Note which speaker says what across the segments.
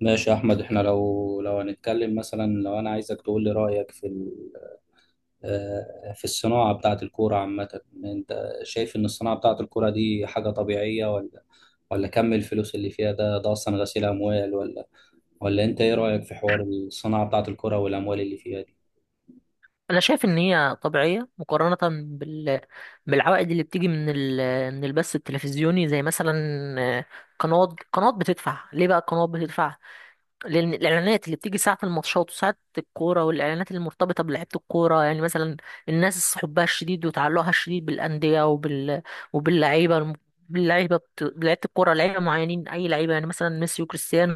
Speaker 1: ماشي يا احمد، احنا لو هنتكلم مثلا، لو انا عايزك تقول لي رايك في في الصناعه بتاعه الكوره عامه، انت شايف ان الصناعه بتاعه الكوره دي حاجه طبيعيه، ولا كم الفلوس اللي فيها ده اصلا غسيل اموال، ولا انت ايه رايك في حوار الصناعه بتاعه الكوره والاموال اللي فيها دي؟
Speaker 2: انا شايف ان هي طبيعيه مقارنه بال... بالعوائد اللي بتيجي من البث التلفزيوني زي مثلا آه، قنوات بتدفع ليه، بقى القنوات بتدفع لان الاعلانات اللي بتيجي ساعه الماتشات وساعه الكوره والاعلانات المرتبطه بلعيبه الكوره، يعني مثلا الناس حبها الشديد وتعلقها الشديد بالانديه وباللعيبه، باللعيبه لعيبه الكوره، لعيبه معينين، اي لعيبه يعني مثلا ميسي وكريستيانو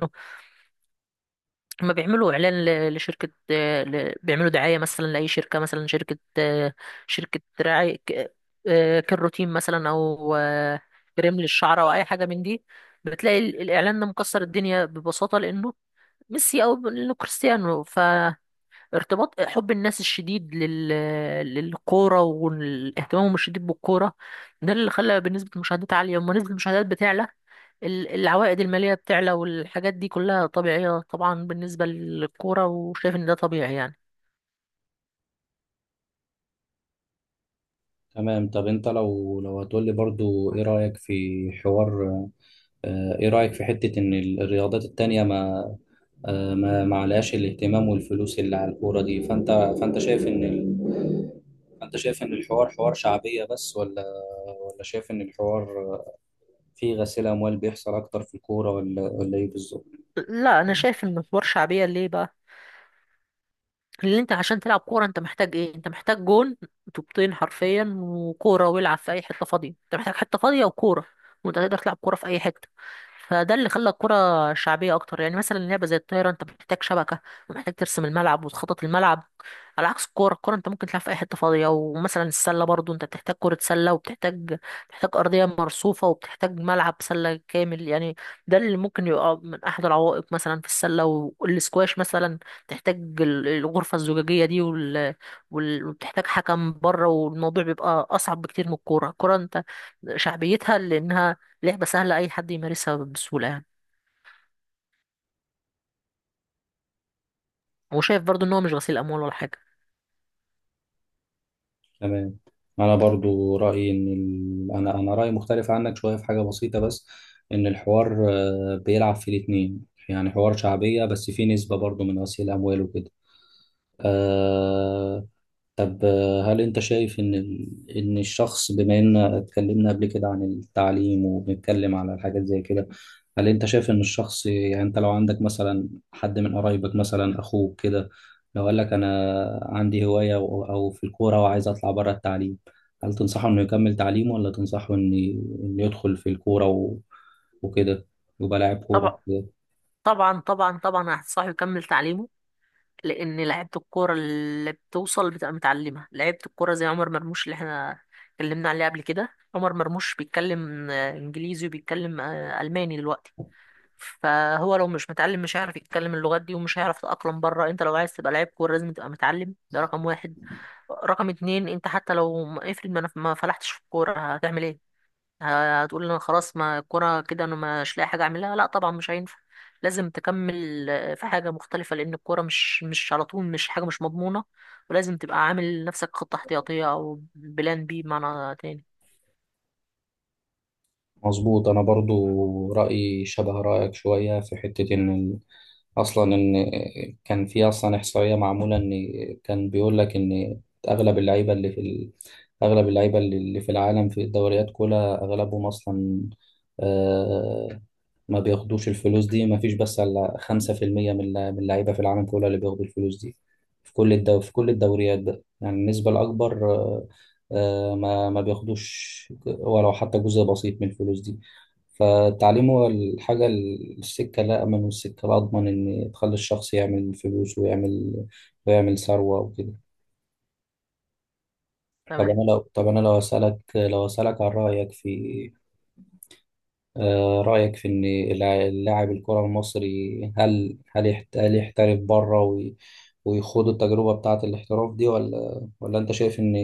Speaker 2: هما بيعملوا اعلان لشركه، بيعملوا دعايه مثلا لاي شركه، مثلا شركه شركه رعايه كروتين مثلا، او كريم للشعر او اي حاجه من دي. بتلاقي الاعلان ده مكسر الدنيا ببساطه لانه ميسي او لانه كريستيانو. ارتباط حب الناس الشديد للكورة واهتمامهم الشديد بالكورة ده اللي خلى بنسبة المشاهدات عالية، لما نسبة المشاهدات بتعلى العوائد المالية بتعلى، والحاجات دي كلها طبيعية طبعا بالنسبة للكورة، وشايف ان ده طبيعي يعني.
Speaker 1: تمام. طب انت لو هتقول لي برضو ايه رأيك في حوار آه، ايه رأيك في حتة ان الرياضات التانية ما آه، ما ما عليهاش الاهتمام والفلوس اللي على الكورة دي؟ فانت شايف فانت شايف ان الحوار حوار شعبية بس، ولا شايف ان الحوار فيه غسيل اموال بيحصل اكتر في الكورة، ولا ايه بالظبط؟
Speaker 2: لا، انا شايف ان الحوار شعبية، ليه بقى؟ اللي انت عشان تلعب كوره انت محتاج ايه؟ انت محتاج جون، طوبتين حرفيا وكوره، والعب في اي حته فاضيه. انت محتاج حته فاضيه وكوره وانت تقدر تلعب كوره في اي حته، فده اللي خلى الكوره شعبيه اكتر. يعني مثلا لعبه زي الطايره انت محتاج شبكه ومحتاج ترسم الملعب وتخطط الملعب، على عكس الكوره. الكوره انت ممكن تلعب في اي حته فاضيه. ومثلا السله برضو انت بتحتاج كره سله، وبتحتاج بتحتاج ارضيه مرصوفه وبتحتاج ملعب سله كامل يعني. ده اللي ممكن يبقى من احد العوائق مثلا في السله. والسكواش مثلا تحتاج الغرفة الزجاجية دي وبتحتاج حكم بره، والموضوع بيبقى أصعب بكتير من الكورة. الكورة أنت شعبيتها لأنها لعبة سهلة، أي حد يمارسها بسهولة يعني. وشايف برضو إن هو مش غسيل أموال ولا حاجة.
Speaker 1: تمام. انا برضو رايي، ان ال... انا انا رايي مختلف عنك شويه في حاجه بسيطه بس. ان الحوار بيلعب في الاتنين، يعني حوار شعبيه بس فيه نسبه برضو من غسيل اموال وكده. آه طب، هل انت شايف ان الشخص، بما ان اتكلمنا قبل كده عن التعليم، وبنتكلم على الحاجات زي كده، هل انت شايف ان الشخص يعني، انت لو عندك مثلا حد من قرايبك مثلا اخوك كده، لو قال لك انا عندي هواية او في الكورة وعايز اطلع بره التعليم، هل تنصحه انه يكمل تعليمه ولا تنصحه إن يدخل في الكورة وكده، يبقى لاعب كورة؟
Speaker 2: طبعا، طبعا، طبعا، طبعا هتنصحه يكمل تعليمه، لأن لعيبة الكورة اللي بتوصل بتبقى متعلمة. لعيبة الكورة زي عمر مرموش اللي احنا اتكلمنا عليه قبل كده، عمر مرموش بيتكلم إنجليزي وبيتكلم ألماني دلوقتي. فهو لو مش متعلم مش هيعرف يتكلم اللغات دي، ومش هيعرف يتأقلم بره. انت لو عايز تبقى لعيب كورة لازم تبقى متعلم، ده رقم واحد. رقم اتنين، انت حتى لو افرض ما فلحتش في الكورة هتعمل ايه؟ هتقول انا خلاص، ما الكورة كده انا مش لاقي حاجة اعملها؟ لا طبعا مش هينفع، لازم تكمل في حاجة مختلفة، لأن الكورة مش على طول، مش حاجة مش مضمونة، ولازم تبقى عامل لنفسك خطة احتياطية أو بلان بي بمعنى تاني.
Speaker 1: مظبوط. انا برضو رايي شبه رايك شويه في حته اصلا ان كان في اصلا احصائيه معموله، ان كان بيقول لك ان اغلب اللعيبه اللي في العالم في الدوريات كلها اغلبهم اصلا، آه، ما بياخدوش الفلوس دي. ما فيش بس على 5% من اللعيبة في العالم كله اللي بياخدوا الفلوس دي، في كل الدوريات بقى، يعني النسبة الأكبر، ما بياخدوش ولو حتى جزء بسيط من الفلوس دي. فالتعليم هو الحاجة، السكة الأأمن والسكة الأضمن إن تخلي الشخص يعمل فلوس، ويعمل ثروة وكده. طب
Speaker 2: تمام.
Speaker 1: أنا لو، أسألك، عن رأيك في، رأيك في إن اللاعب الكرة المصري، هل هل يحترف بره ويخوض التجربة بتاعة الاحتراف دي، ولا أنت شايف إن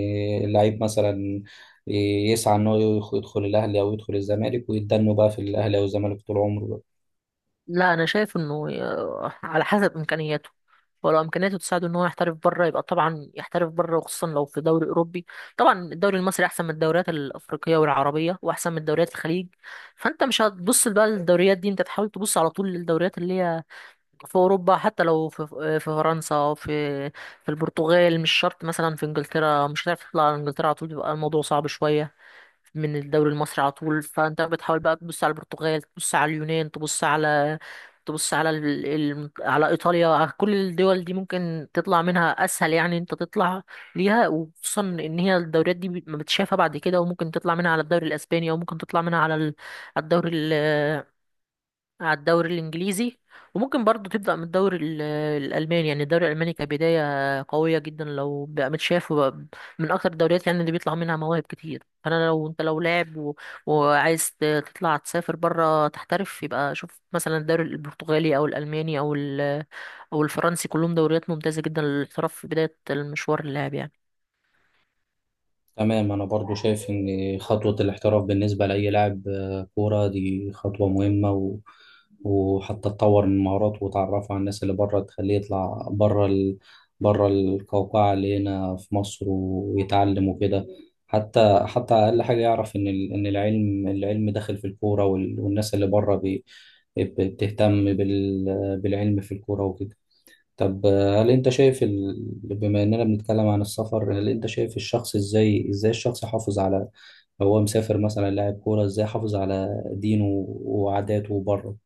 Speaker 1: اللعيب مثلا يسعى إن هو يدخل الأهلي أو يدخل الزمالك، ويتدنوا بقى في الأهلي أو الزمالك طول عمره بقى؟
Speaker 2: لا، انا شايف انه على حسب امكانياته. ولو امكانياته تساعده ان هو يحترف بره يبقى طبعا يحترف بره، وخصوصا لو في دوري اوروبي. طبعا الدوري المصري احسن من الدوريات الافريقيه والعربيه، واحسن من دوريات الخليج، فانت مش هتبص بقى للدوريات دي. انت تحاول تبص على طول للدوريات اللي هي في اوروبا. حتى لو في في فرنسا، او في البرتغال، مش شرط مثلا في انجلترا، مش هتعرف تطلع على انجلترا على طول، بيبقى الموضوع صعب شويه من الدوري المصري على طول. فانت بتحاول بقى تبص على البرتغال، تبص على اليونان، تبص على على ايطاليا، على كل الدول دي ممكن تطلع منها اسهل يعني، انت تطلع ليها، وخصوصا ان هي الدوريات دي ما بتشافها بعد كده، وممكن تطلع منها على الدوري الاسباني، او ممكن تطلع منها على على الدوري على الدوري الانجليزي. وممكن برضو تبدا من الدوري الالماني. يعني الدوري الالماني كبدايه قويه جدا لو بقى متشاف، وبقى من اكتر الدوريات يعني اللي بيطلع منها مواهب كتير. فانا لو انت لو لاعب وعايز تطلع تسافر بره تحترف، يبقى شوف مثلا الدوري البرتغالي او الالماني او الفرنسي، كلهم دوريات ممتازه جدا للاحتراف في بدايه المشوار اللاعب يعني.
Speaker 1: تمام. أنا برضو شايف إن خطوة الاحتراف بالنسبة لأي لاعب كورة دي خطوة مهمة، و... وحتى تطور من مهاراته وتعرفه على الناس اللي بره تخليه يطلع بره القوقعة اللي هنا في مصر ويتعلم وكده. حتى أقل حاجة يعرف إن العلم داخل في الكورة وال... والناس اللي بره بتهتم بالعلم في الكورة وكده. طب، آه، هل انت شايف ال... بما اننا بنتكلم عن السفر، هل انت شايف الشخص ازاي ازاي الشخص يحافظ على لو هو مسافر مثلا لاعب كورة، ازاي يحافظ على دينه وعاداته بره؟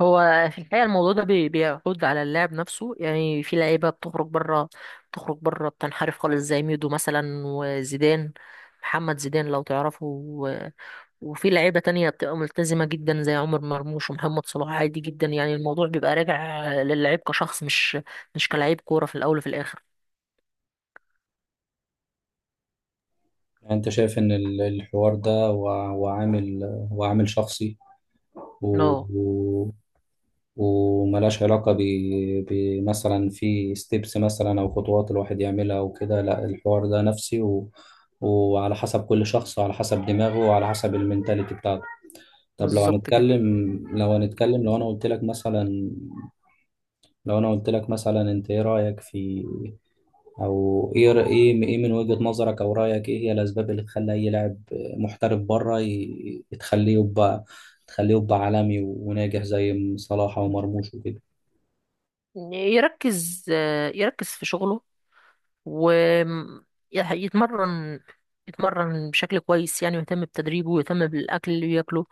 Speaker 2: هو في الحقيقة الموضوع ده بيعود على اللاعب نفسه يعني. في لعيبة بتخرج بره بتنحرف خالص زي ميدو مثلا، وزيدان، محمد زيدان لو تعرفه، وفي لعيبة تانية بتبقى ملتزمة جدا زي عمر مرموش ومحمد صلاح. عادي جدا يعني، الموضوع بيبقى راجع للعيب كشخص، مش كلاعب كورة في الأول وفي الآخر.
Speaker 1: يعني انت شايف ان الحوار ده وع- وعامل شخصي، و...
Speaker 2: اه،
Speaker 1: و... وملهاش علاقة بمثلا في ستيبس مثلا او خطوات الواحد يعملها وكده. لا، الحوار ده نفسي، و... وعلى حسب كل شخص، وعلى حسب دماغه، وعلى حسب المنتاليتي بتاعته. طب لو
Speaker 2: بالظبط كده.
Speaker 1: هنتكلم، لو انا قلت لك مثلا، انت ايه رأيك في، او ايه ر- ايه ايه من وجهة نظرك، او رأيك ايه هي الاسباب اللي تخلي اي لاعب محترف بره تخليه يبقى عالمي وناجح زي صلاح ومرموش وكده.
Speaker 2: يركز يركز في شغله، ويتمرن، يتمرن بشكل كويس يعني، ويهتم بتدريبه، ويهتم بالأكل اللي بياكله،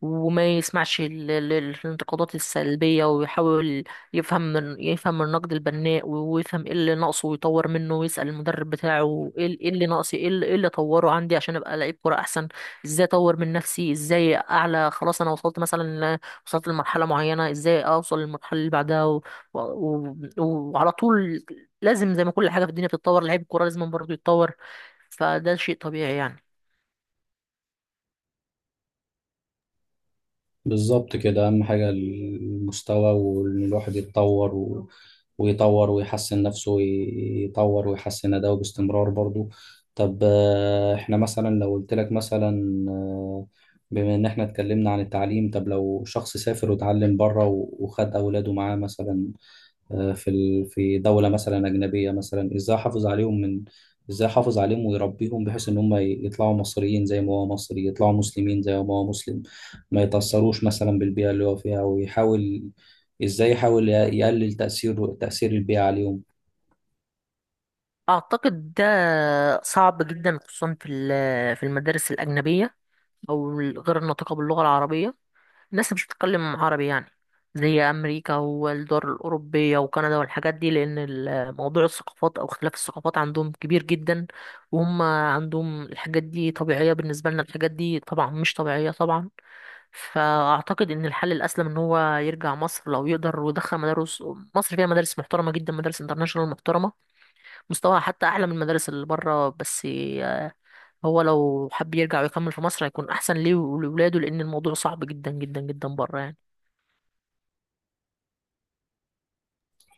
Speaker 2: وما يسمعش الانتقادات السلبية، ويحاول يفهم النقد البناء، ويفهم ايه اللي ناقصه، ويطور منه، ويسأل المدرب بتاعه ايه إيه اللي ناقصي، ايه اللي إيه اللي اطوره عندي عشان ابقى لعيب كرة احسن. ازاي اطور من نفسي، ازاي اعلى؟ خلاص انا وصلت مثلا ل- وصلت لمرحلة معينة، ازاي اوصل للمرحلة اللي بعدها؟ و... وعلى طول لازم، زي ما كل حاجة في الدنيا بتتطور، لعيب الكورة لازم برضه يتطور، فده شيء طبيعي يعني.
Speaker 1: بالظبط كده. أهم حاجة المستوى، وإن الواحد يتطور و... ويطور ويحسن نفسه، ويطور ويحسن أداؤه باستمرار برضو. طب، إحنا مثلا لو قلت لك مثلا، بما إن إحنا اتكلمنا عن التعليم، طب لو شخص سافر وتعلم بره وخد أولاده معاه مثلا، في دولة مثلا أجنبية مثلا، إزاي أحافظ عليهم ويربيهم بحيث إن هم يطلعوا مصريين زي ما هو مصري، يطلعوا مسلمين زي ما هو مسلم، ما يتأثروش مثلا بالبيئة اللي هو فيها، إزاي يحاول يقلل تأثير البيئة عليهم؟
Speaker 2: أعتقد ده صعب جدا، خصوصا في في المدارس الأجنبية، أو غير الناطقة باللغة العربية. الناس مش بتتكلم عربي يعني، زي أمريكا والدول الأوروبية وكندا والحاجات دي، لأن موضوع الثقافات أو اختلاف الثقافات عندهم كبير جدا. وهم عندهم الحاجات دي طبيعية، بالنسبة لنا الحاجات دي طبعا مش طبيعية طبعا. فاعتقد ان الحل الاسلم ان هو يرجع مصر لو يقدر، ويدخل مدارس. مصر فيها مدارس محترمه جدا، مدارس انترناشونال محترمه مستواها حتى اعلى من المدارس اللي بره، بس آه، هو لو حب يرجع ويكمل في مصر هيكون احسن ليه ولاولاده، لان الموضوع صعب جدا جدا جدا بره يعني.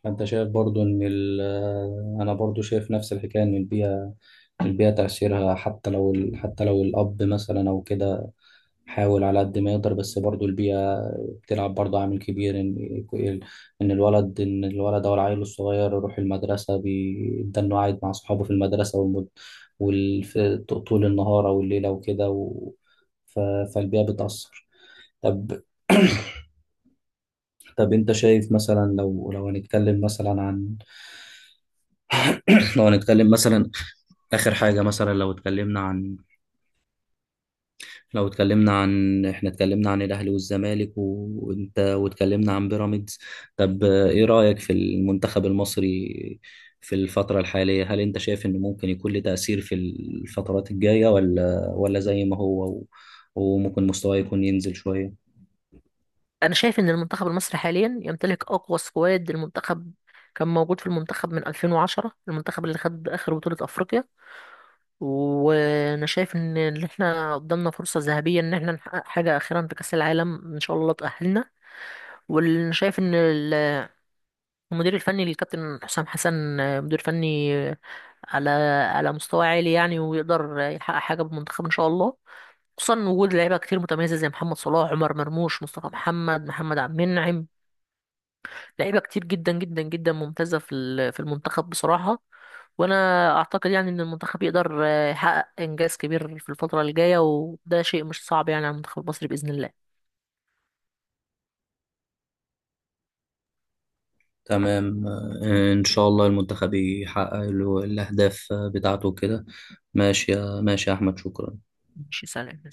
Speaker 1: فأنت شايف برضو إن أنا برضو شايف نفس الحكاية، إن البيئة تأثيرها، حتى لو حتى لو الأب مثلا أو كده حاول على قد ما يقدر، بس برضو البيئة بتلعب برضو عامل كبير، إن الولد، أو العيل الصغير، يروح المدرسة، بيبدأ إنه قاعد مع صحابه في المدرسة طول النهار أو الليلة وكده، و... ف... فالبيئة بتأثر. طب طب أنت شايف مثلا، لو هنتكلم مثلا عن لو هنتكلم مثلا آخر حاجة مثلا، لو اتكلمنا عن لو اتكلمنا عن احنا اتكلمنا عن الاهلي والزمالك و- وانت، واتكلمنا عن بيراميدز. طب، ايه رأيك في المنتخب المصري في الفترة الحالية، هل انت شايف ان ممكن يكون له تأثير في الفترات الجاية، ولا زي ما هو، و- وممكن مستواه يكون ينزل شوية؟
Speaker 2: انا شايف ان المنتخب المصري حاليا يمتلك اقوى سكواد المنتخب كان موجود في المنتخب من 2010، المنتخب اللي خد اخر بطولة افريقيا. وانا شايف ان احنا قدامنا فرصة ذهبية ان احنا نحقق حاجة اخيرا في كأس العالم، ان شاء الله تأهلنا. وانا شايف ان المدير الفني للكابتن حسام حسن، مدير فني على على مستوى عالي يعني، ويقدر يحقق حاجة بالمنتخب ان شاء الله، خصوصا وجود لعيبة كتير متميزة زي محمد صلاح، عمر مرموش، مصطفى محمد، محمد عبد المنعم، لعيبه كتير جدا جدا جدا ممتازه في في المنتخب بصراحه. وانا اعتقد يعني ان المنتخب يقدر يحقق انجاز كبير في الفتره الجايه، وده شيء مش صعب يعني على المنتخب المصري باذن الله.
Speaker 1: تمام. ان شاء الله المنتخب يحقق له الاهداف بتاعته كده. ماشي يا احمد، شكرا.
Speaker 2: ماشي، سلام.